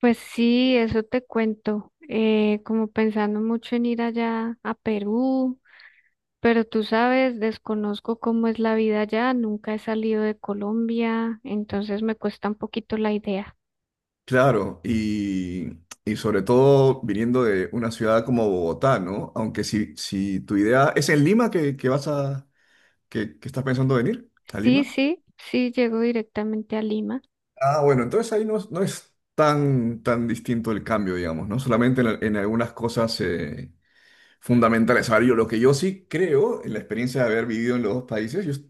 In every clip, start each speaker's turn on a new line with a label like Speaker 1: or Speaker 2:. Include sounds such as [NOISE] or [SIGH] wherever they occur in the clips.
Speaker 1: Pues sí, eso te cuento, como pensando mucho en ir allá a Perú, pero tú sabes, desconozco cómo es la vida allá, nunca he salido de Colombia, entonces me cuesta un poquito la idea.
Speaker 2: Claro, y sobre todo viniendo de una ciudad como Bogotá, ¿no? Aunque si tu idea es en Lima que estás pensando venir, a
Speaker 1: Sí,
Speaker 2: Lima.
Speaker 1: sí, sí, llego directamente a Lima.
Speaker 2: Ah, bueno, entonces ahí no, no es tan distinto el cambio, digamos, ¿no? Solamente en algunas cosas fundamentales. A ver, yo lo que yo sí creo, en la experiencia de haber vivido en los dos países,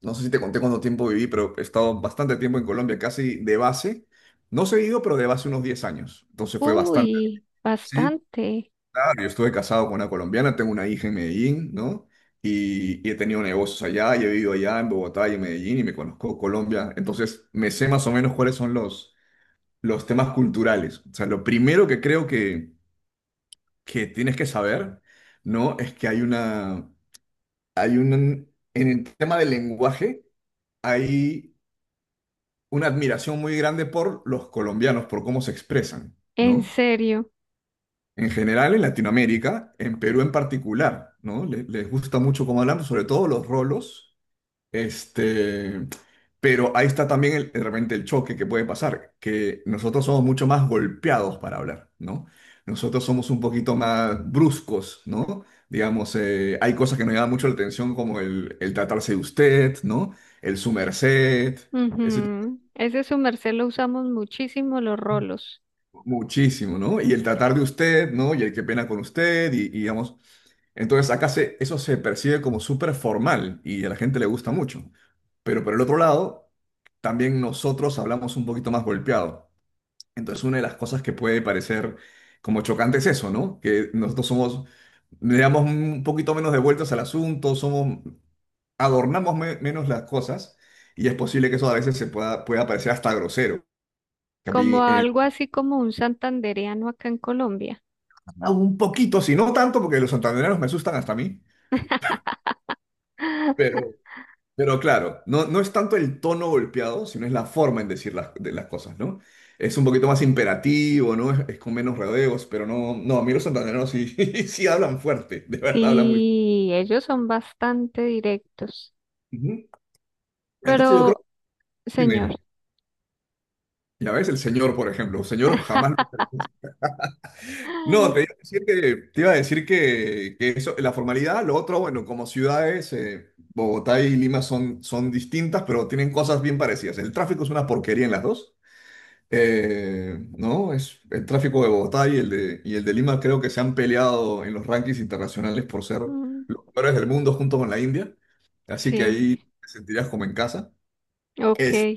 Speaker 2: no sé si te conté cuánto tiempo viví, pero he estado bastante tiempo en Colombia, casi de base, no seguido, pero de base unos 10 años. Entonces fue bastante.
Speaker 1: Uy,
Speaker 2: Sí.
Speaker 1: bastante,
Speaker 2: Claro, yo estuve casado con una colombiana, tengo una hija en Medellín, ¿no? Y he tenido negocios allá, y he vivido allá en Bogotá y en Medellín, y me conozco Colombia. Entonces, me sé más o menos cuáles son los temas culturales. O sea, lo primero que creo que tienes que saber, ¿no? Es que hay una, hay un, en el tema del lenguaje, hay una admiración muy grande por los colombianos, por cómo se expresan,
Speaker 1: en
Speaker 2: ¿no?
Speaker 1: serio.
Speaker 2: En general en Latinoamérica, en Perú en particular, ¿no? Les gusta mucho cómo hablamos, sobre todo los rolos, este, pero ahí está también de repente el choque que puede pasar, que nosotros somos mucho más golpeados para hablar, ¿no? Nosotros somos un poquito más bruscos, ¿no? Digamos, hay cosas que nos llaman mucho la atención como el tratarse de usted, ¿no? El su merced.
Speaker 1: Ujú. Ese su merced lo usamos muchísimo los rolos,
Speaker 2: Muchísimo, ¿no? Y el tratar de usted, ¿no? Y el qué pena con usted, y digamos. Entonces acá eso se percibe como súper formal y a la gente le gusta mucho. Pero por el otro lado, también nosotros hablamos un poquito más golpeado. Entonces una de las cosas que puede parecer como chocante es eso, ¿no? Que nosotros somos, le damos un poquito menos de vueltas al asunto, somos, adornamos menos las cosas y es posible que eso a veces se pueda parecer hasta grosero. Que a
Speaker 1: como
Speaker 2: mí, en.
Speaker 1: algo así como un santandereano acá en Colombia.
Speaker 2: Ah, un poquito, si no tanto, porque los santandereanos me asustan hasta a mí,
Speaker 1: [LAUGHS]
Speaker 2: pero, pero claro, no, no es tanto el tono golpeado, sino es la forma en decir de las cosas, ¿no? Es un poquito más imperativo, ¿no? Es con menos rodeos, pero no, no, a mí los santandereanos sí, [LAUGHS] sí hablan fuerte, de verdad hablan muy.
Speaker 1: Y ellos son bastante directos.
Speaker 2: Ujú.
Speaker 1: Pero,
Speaker 2: Entonces yo creo, dime,
Speaker 1: señor,
Speaker 2: dime. Ya ves, el señor, por ejemplo, el señor jamás. No,
Speaker 1: [GASPS]
Speaker 2: te iba a decir que eso, la formalidad, lo otro, bueno, como ciudades, Bogotá y Lima son distintas, pero tienen cosas bien parecidas. El tráfico es una porquería en las dos, ¿no? El tráfico de Bogotá y el de Lima creo que se han peleado en los rankings internacionales por ser
Speaker 1: mm,
Speaker 2: los peores del mundo junto con la India, así que
Speaker 1: sí,
Speaker 2: ahí te sentirás como en casa.
Speaker 1: ok.
Speaker 2: Es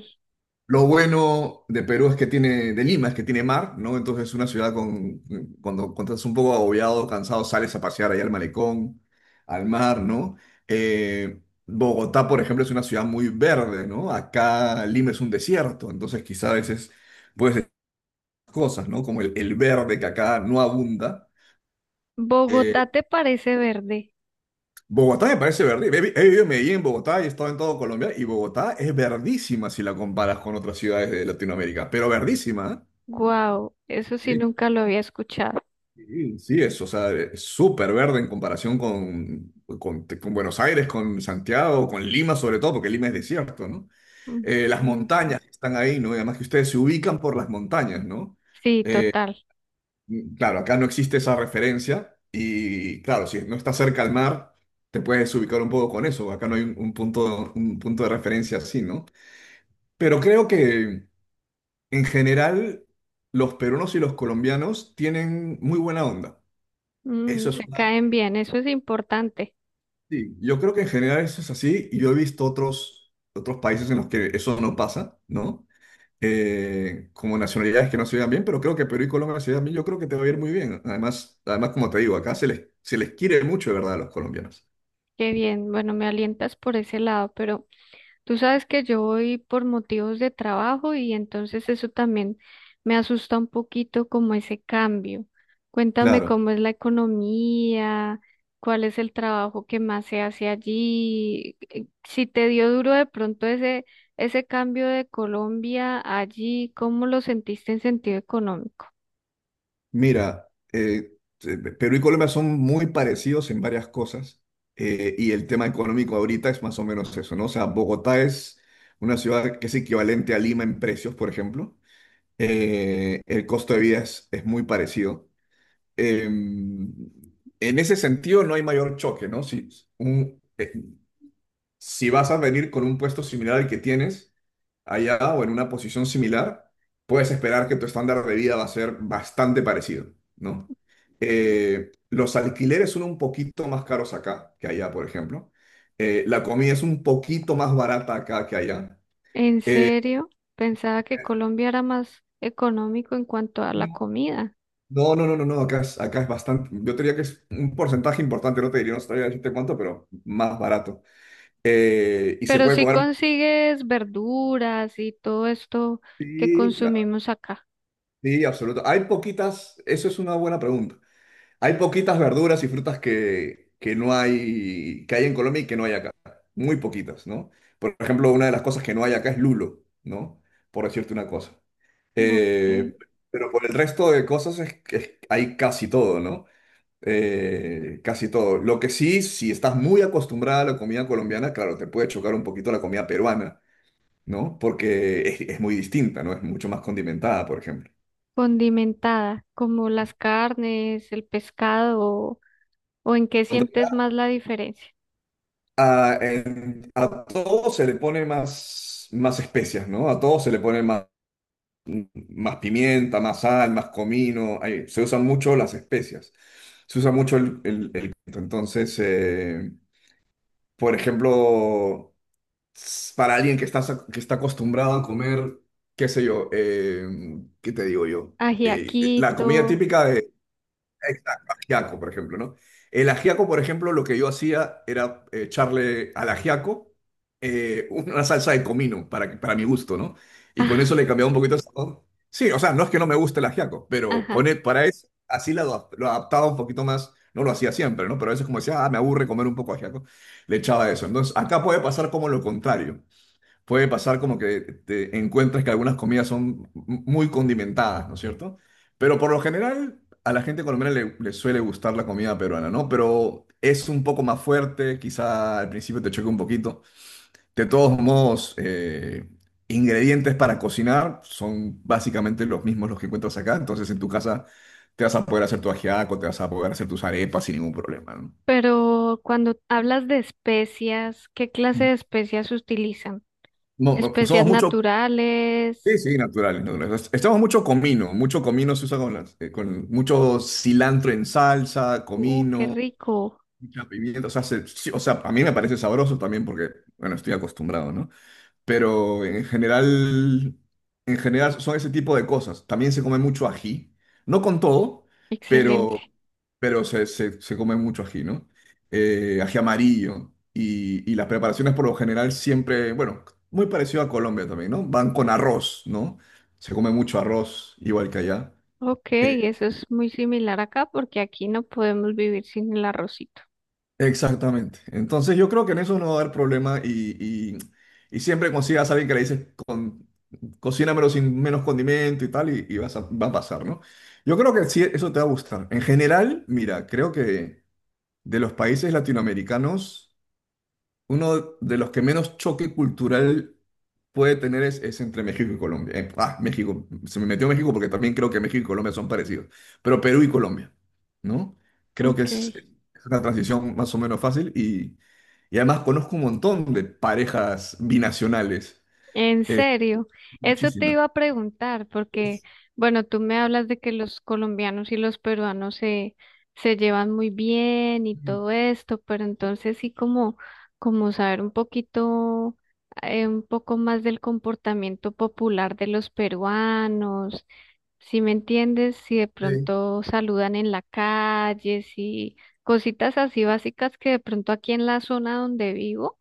Speaker 2: lo bueno de Perú es que tiene, de Lima es que tiene mar, ¿no? Entonces es una ciudad cuando estás un poco agobiado, cansado, sales a pasear allá al malecón, al mar, ¿no? Eh, Bogotá, por ejemplo, es una ciudad muy verde, ¿no? Acá Lima es un desierto, entonces quizá a veces puedes decir cosas, ¿no? Como el verde que acá no abunda.
Speaker 1: ¿Bogotá
Speaker 2: Eh,
Speaker 1: te parece verde?
Speaker 2: Bogotá me parece verde. He vivido en Medellín, en Bogotá, y he estado en todo Colombia, y Bogotá es verdísima si la comparas con otras ciudades de Latinoamérica, pero verdísima, ¿eh?
Speaker 1: Wow, eso sí
Speaker 2: Sí.
Speaker 1: nunca lo había escuchado.
Speaker 2: Sí, sí, o sea, es súper verde en comparación con Buenos Aires, con Santiago, con Lima sobre todo, porque Lima es desierto, ¿no?
Speaker 1: Mm,
Speaker 2: Las
Speaker 1: totalmente.
Speaker 2: montañas que están ahí, ¿no? Y además que ustedes se ubican por las montañas, ¿no?
Speaker 1: Sí, total.
Speaker 2: Claro, acá no existe esa referencia y claro, si no estás cerca al mar, te puedes ubicar un poco con eso. Acá no hay un punto de referencia así, ¿no? Pero creo que en general los peruanos y los colombianos tienen muy buena onda.
Speaker 1: Mm,
Speaker 2: Eso es
Speaker 1: se
Speaker 2: una.
Speaker 1: caen bien, eso es importante.
Speaker 2: Sí, yo creo que en general eso es así y yo he visto otros países en los que eso no pasa, ¿no? Como nacionalidades que no se llevan bien, pero creo que Perú y Colombia se llevan bien, yo creo que te va a ir muy bien. Además, además como te digo, acá se les quiere mucho, de verdad, a los colombianos.
Speaker 1: Qué bien. Bueno, me alientas por ese lado, pero tú sabes que yo voy por motivos de trabajo y entonces eso también me asusta un poquito como ese cambio. Cuéntame
Speaker 2: Claro,
Speaker 1: cómo es la economía, cuál es el trabajo que más se hace allí, si te dio duro de pronto ese, ese cambio de Colombia allí, ¿cómo lo sentiste en sentido económico?
Speaker 2: mira, Perú y Colombia son muy parecidos en varias cosas, y el tema económico ahorita es más o menos eso, ¿no? O sea, Bogotá es una ciudad que es equivalente a Lima en precios, por ejemplo. El costo de vida es muy parecido. Eh, en ese sentido, no hay mayor choque, ¿no? Si, un- eh, si vas a venir con un puesto similar al que tienes allá o en una posición similar, puedes esperar que tu estándar de vida va a ser bastante parecido, ¿no? Los alquileres son un poquito más caros acá que allá, por ejemplo. La comida es un poquito más barata acá que allá.
Speaker 1: ¿En
Speaker 2: Eh,
Speaker 1: serio? Pensaba que Colombia era más económico en cuanto a la comida.
Speaker 2: No, no, no, no, no, acá es bastante, yo te diría que es un porcentaje importante, no te diría, no sabría decirte cuánto, pero más barato. Y se
Speaker 1: ¿Pero
Speaker 2: puede
Speaker 1: si
Speaker 2: comer.
Speaker 1: consigues verduras y todo esto que
Speaker 2: Sí, claro,
Speaker 1: consumimos acá?
Speaker 2: sí, absoluto. Hay poquitas, eso es una buena pregunta. Hay poquitas verduras y frutas que no hay, que hay en Colombia y que no hay acá. Muy poquitas, ¿no? Por ejemplo, una de las cosas que no hay acá es lulo, ¿no? Por decirte una cosa.
Speaker 1: ¿No? Eh,
Speaker 2: Eh, pero por el resto de cosas que hay casi todo, ¿no? Casi todo. Lo que sí, si estás muy acostumbrada a la comida colombiana, claro, te puede chocar un poquito la comida peruana, ¿no? Porque es muy distinta, ¿no? Es mucho más condimentada, por ejemplo.
Speaker 1: condimentada, como las carnes, el pescado, o en qué
Speaker 2: En
Speaker 1: sientes
Speaker 2: realidad,
Speaker 1: más la diferencia.
Speaker 2: a todo se le pone más especias, ¿no? A todo se le pone más pimienta, más sal, más comino. Ahí, se usan mucho las especias. Se usa mucho el pimiento. Entonces, por ejemplo. Para alguien que está, acostumbrado a comer, qué sé yo, ¿qué te digo yo? La
Speaker 1: Ajiaquito,
Speaker 2: comida típica de, exacto, ajiaco, por ejemplo, ¿no? El ajiaco, por ejemplo, lo que yo hacía era echarle al ajiaco [LAUGHS] una salsa de comino para mi gusto, ¿no? Y con
Speaker 1: [LAUGHS] ah,
Speaker 2: eso le cambiaba un poquito el sabor. Sí, o sea, no es que no me guste el ajiaco, pero
Speaker 1: ajá.
Speaker 2: para eso, así lo adaptaba un poquito más. No lo hacía siempre, ¿no? Pero a veces como decía, ah, me aburre comer un poco de ajiaco, le echaba eso. Entonces, acá puede pasar como lo contrario, puede pasar como que te encuentres que algunas comidas son muy condimentadas, ¿no es cierto? Pero por lo general a la gente colombiana le suele gustar la comida peruana, ¿no? Pero es un poco más fuerte, quizá al principio te choque un poquito. De todos modos, ingredientes para cocinar son básicamente los mismos los que encuentras acá, entonces en tu casa te vas a poder hacer tu ajiaco, te vas a poder hacer tus arepas sin ningún problema, ¿no?
Speaker 1: Pero cuando hablas de especias, ¿qué clase de especias utilizan?
Speaker 2: No, no, usamos
Speaker 1: Especias
Speaker 2: mucho. Sí,
Speaker 1: naturales.
Speaker 2: sí, naturales, naturales. Estamos mucho comino se usa con con mucho cilantro en salsa,
Speaker 1: Qué
Speaker 2: comino,
Speaker 1: rico.
Speaker 2: mucha pimienta, o sea, sí, o sea, a mí me parece sabroso también porque, bueno, estoy acostumbrado, ¿no? Pero en general son ese tipo de cosas. También se come mucho ají, no con todo. Ok. pero,
Speaker 1: Excelente.
Speaker 2: pero se come mucho ají, ¿no? Ají amarillo. Y las preparaciones por lo general siempre, bueno, muy parecido a Colombia también, ¿no? Van con arroz, ¿no? Se come mucho arroz, igual que allá.
Speaker 1: Ok, eso es muy similar acá porque aquí no podemos vivir sin el arrocito.
Speaker 2: Exactamente. Entonces yo creo que en eso no va a haber problema y siempre consigas a alguien que le dices, cocínamelo sin menos condimento y tal, y va a pasar, ¿no? Yo creo que sí, eso te va a gustar. En general, mira, creo que de los países latinoamericanos. Uno de los que menos choque cultural puede tener es entre México y Colombia. Ah, México, se me metió México porque también creo que México y Colombia son parecidos, pero Perú y Colombia, ¿no? Creo que
Speaker 1: Ok.
Speaker 2: es una transición más o menos fácil y además conozco un montón de parejas binacionales,
Speaker 1: En
Speaker 2: eh,
Speaker 1: serio, eso te
Speaker 2: muchísimas.
Speaker 1: iba a preguntar, porque, bueno, tú me hablas de que los colombianos y los peruanos se, se llevan muy bien y
Speaker 2: Mm.
Speaker 1: todo esto, pero entonces sí como, como saber un poquito, un poco más del comportamiento popular de los peruanos, si me entiendes, si de
Speaker 2: Sí.
Speaker 1: pronto saludan en la calle, si cositas así básicas que de pronto aquí en la zona donde vivo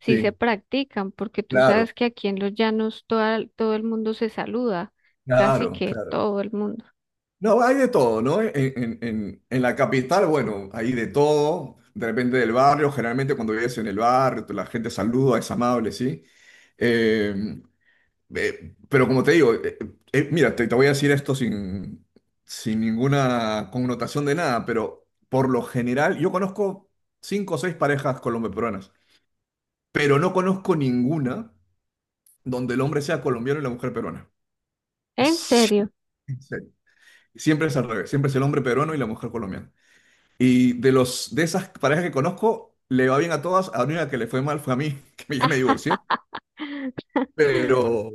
Speaker 1: sí se
Speaker 2: Sí,
Speaker 1: practican, porque tú
Speaker 2: claro,
Speaker 1: sabes que aquí en los llanos todo el mundo se saluda, casi
Speaker 2: claro,
Speaker 1: que
Speaker 2: claro.
Speaker 1: todo el mundo.
Speaker 2: No, hay de todo, ¿no? En la capital, bueno, hay de todo, de repente del barrio, generalmente cuando vives en el barrio, la gente saluda, es amable, ¿sí? Eh, pero como te digo, mira, te voy a decir esto sin ninguna connotación de nada, pero por lo general, yo conozco cinco o seis parejas colombo-peruanas, pero no conozco ninguna donde el hombre sea colombiano y la mujer peruana.
Speaker 1: En
Speaker 2: Es-
Speaker 1: serio,
Speaker 2: [LAUGHS] siempre es al revés, siempre es el hombre peruano y la mujer colombiana. Y de esas parejas que conozco, le va bien a todas. A la única que le fue mal fue a mí, [LAUGHS] que ya me divorcié. Pero,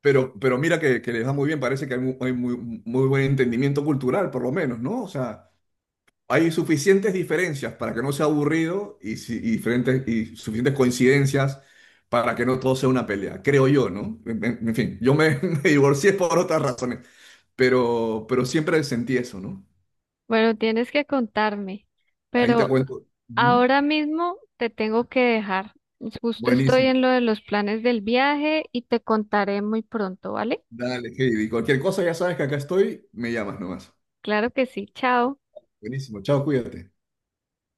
Speaker 2: pero mira que les va muy bien. Parece que hay muy, muy buen entendimiento cultural, por lo menos, ¿no? O sea, hay suficientes diferencias para que no sea aburrido y, si- y diferentes, y suficientes coincidencias para que no todo sea una pelea, creo yo, ¿no? En fin, [LAUGHS] me divorcié por otras razones, pero siempre sentí eso, ¿no?
Speaker 1: bueno, tienes que contarme,
Speaker 2: Ahí te
Speaker 1: pero
Speaker 2: cuento. Ujú.
Speaker 1: ahora mismo te tengo que dejar. Justo estoy
Speaker 2: Buenísimo.
Speaker 1: en lo de los planes del viaje y te contaré muy pronto, ¿vale?
Speaker 2: Dale, Heidi. Cualquier cosa ya sabes que acá estoy, me llamas nomás.
Speaker 1: Claro que sí, chao.
Speaker 2: Buenísimo, chao, cuídate.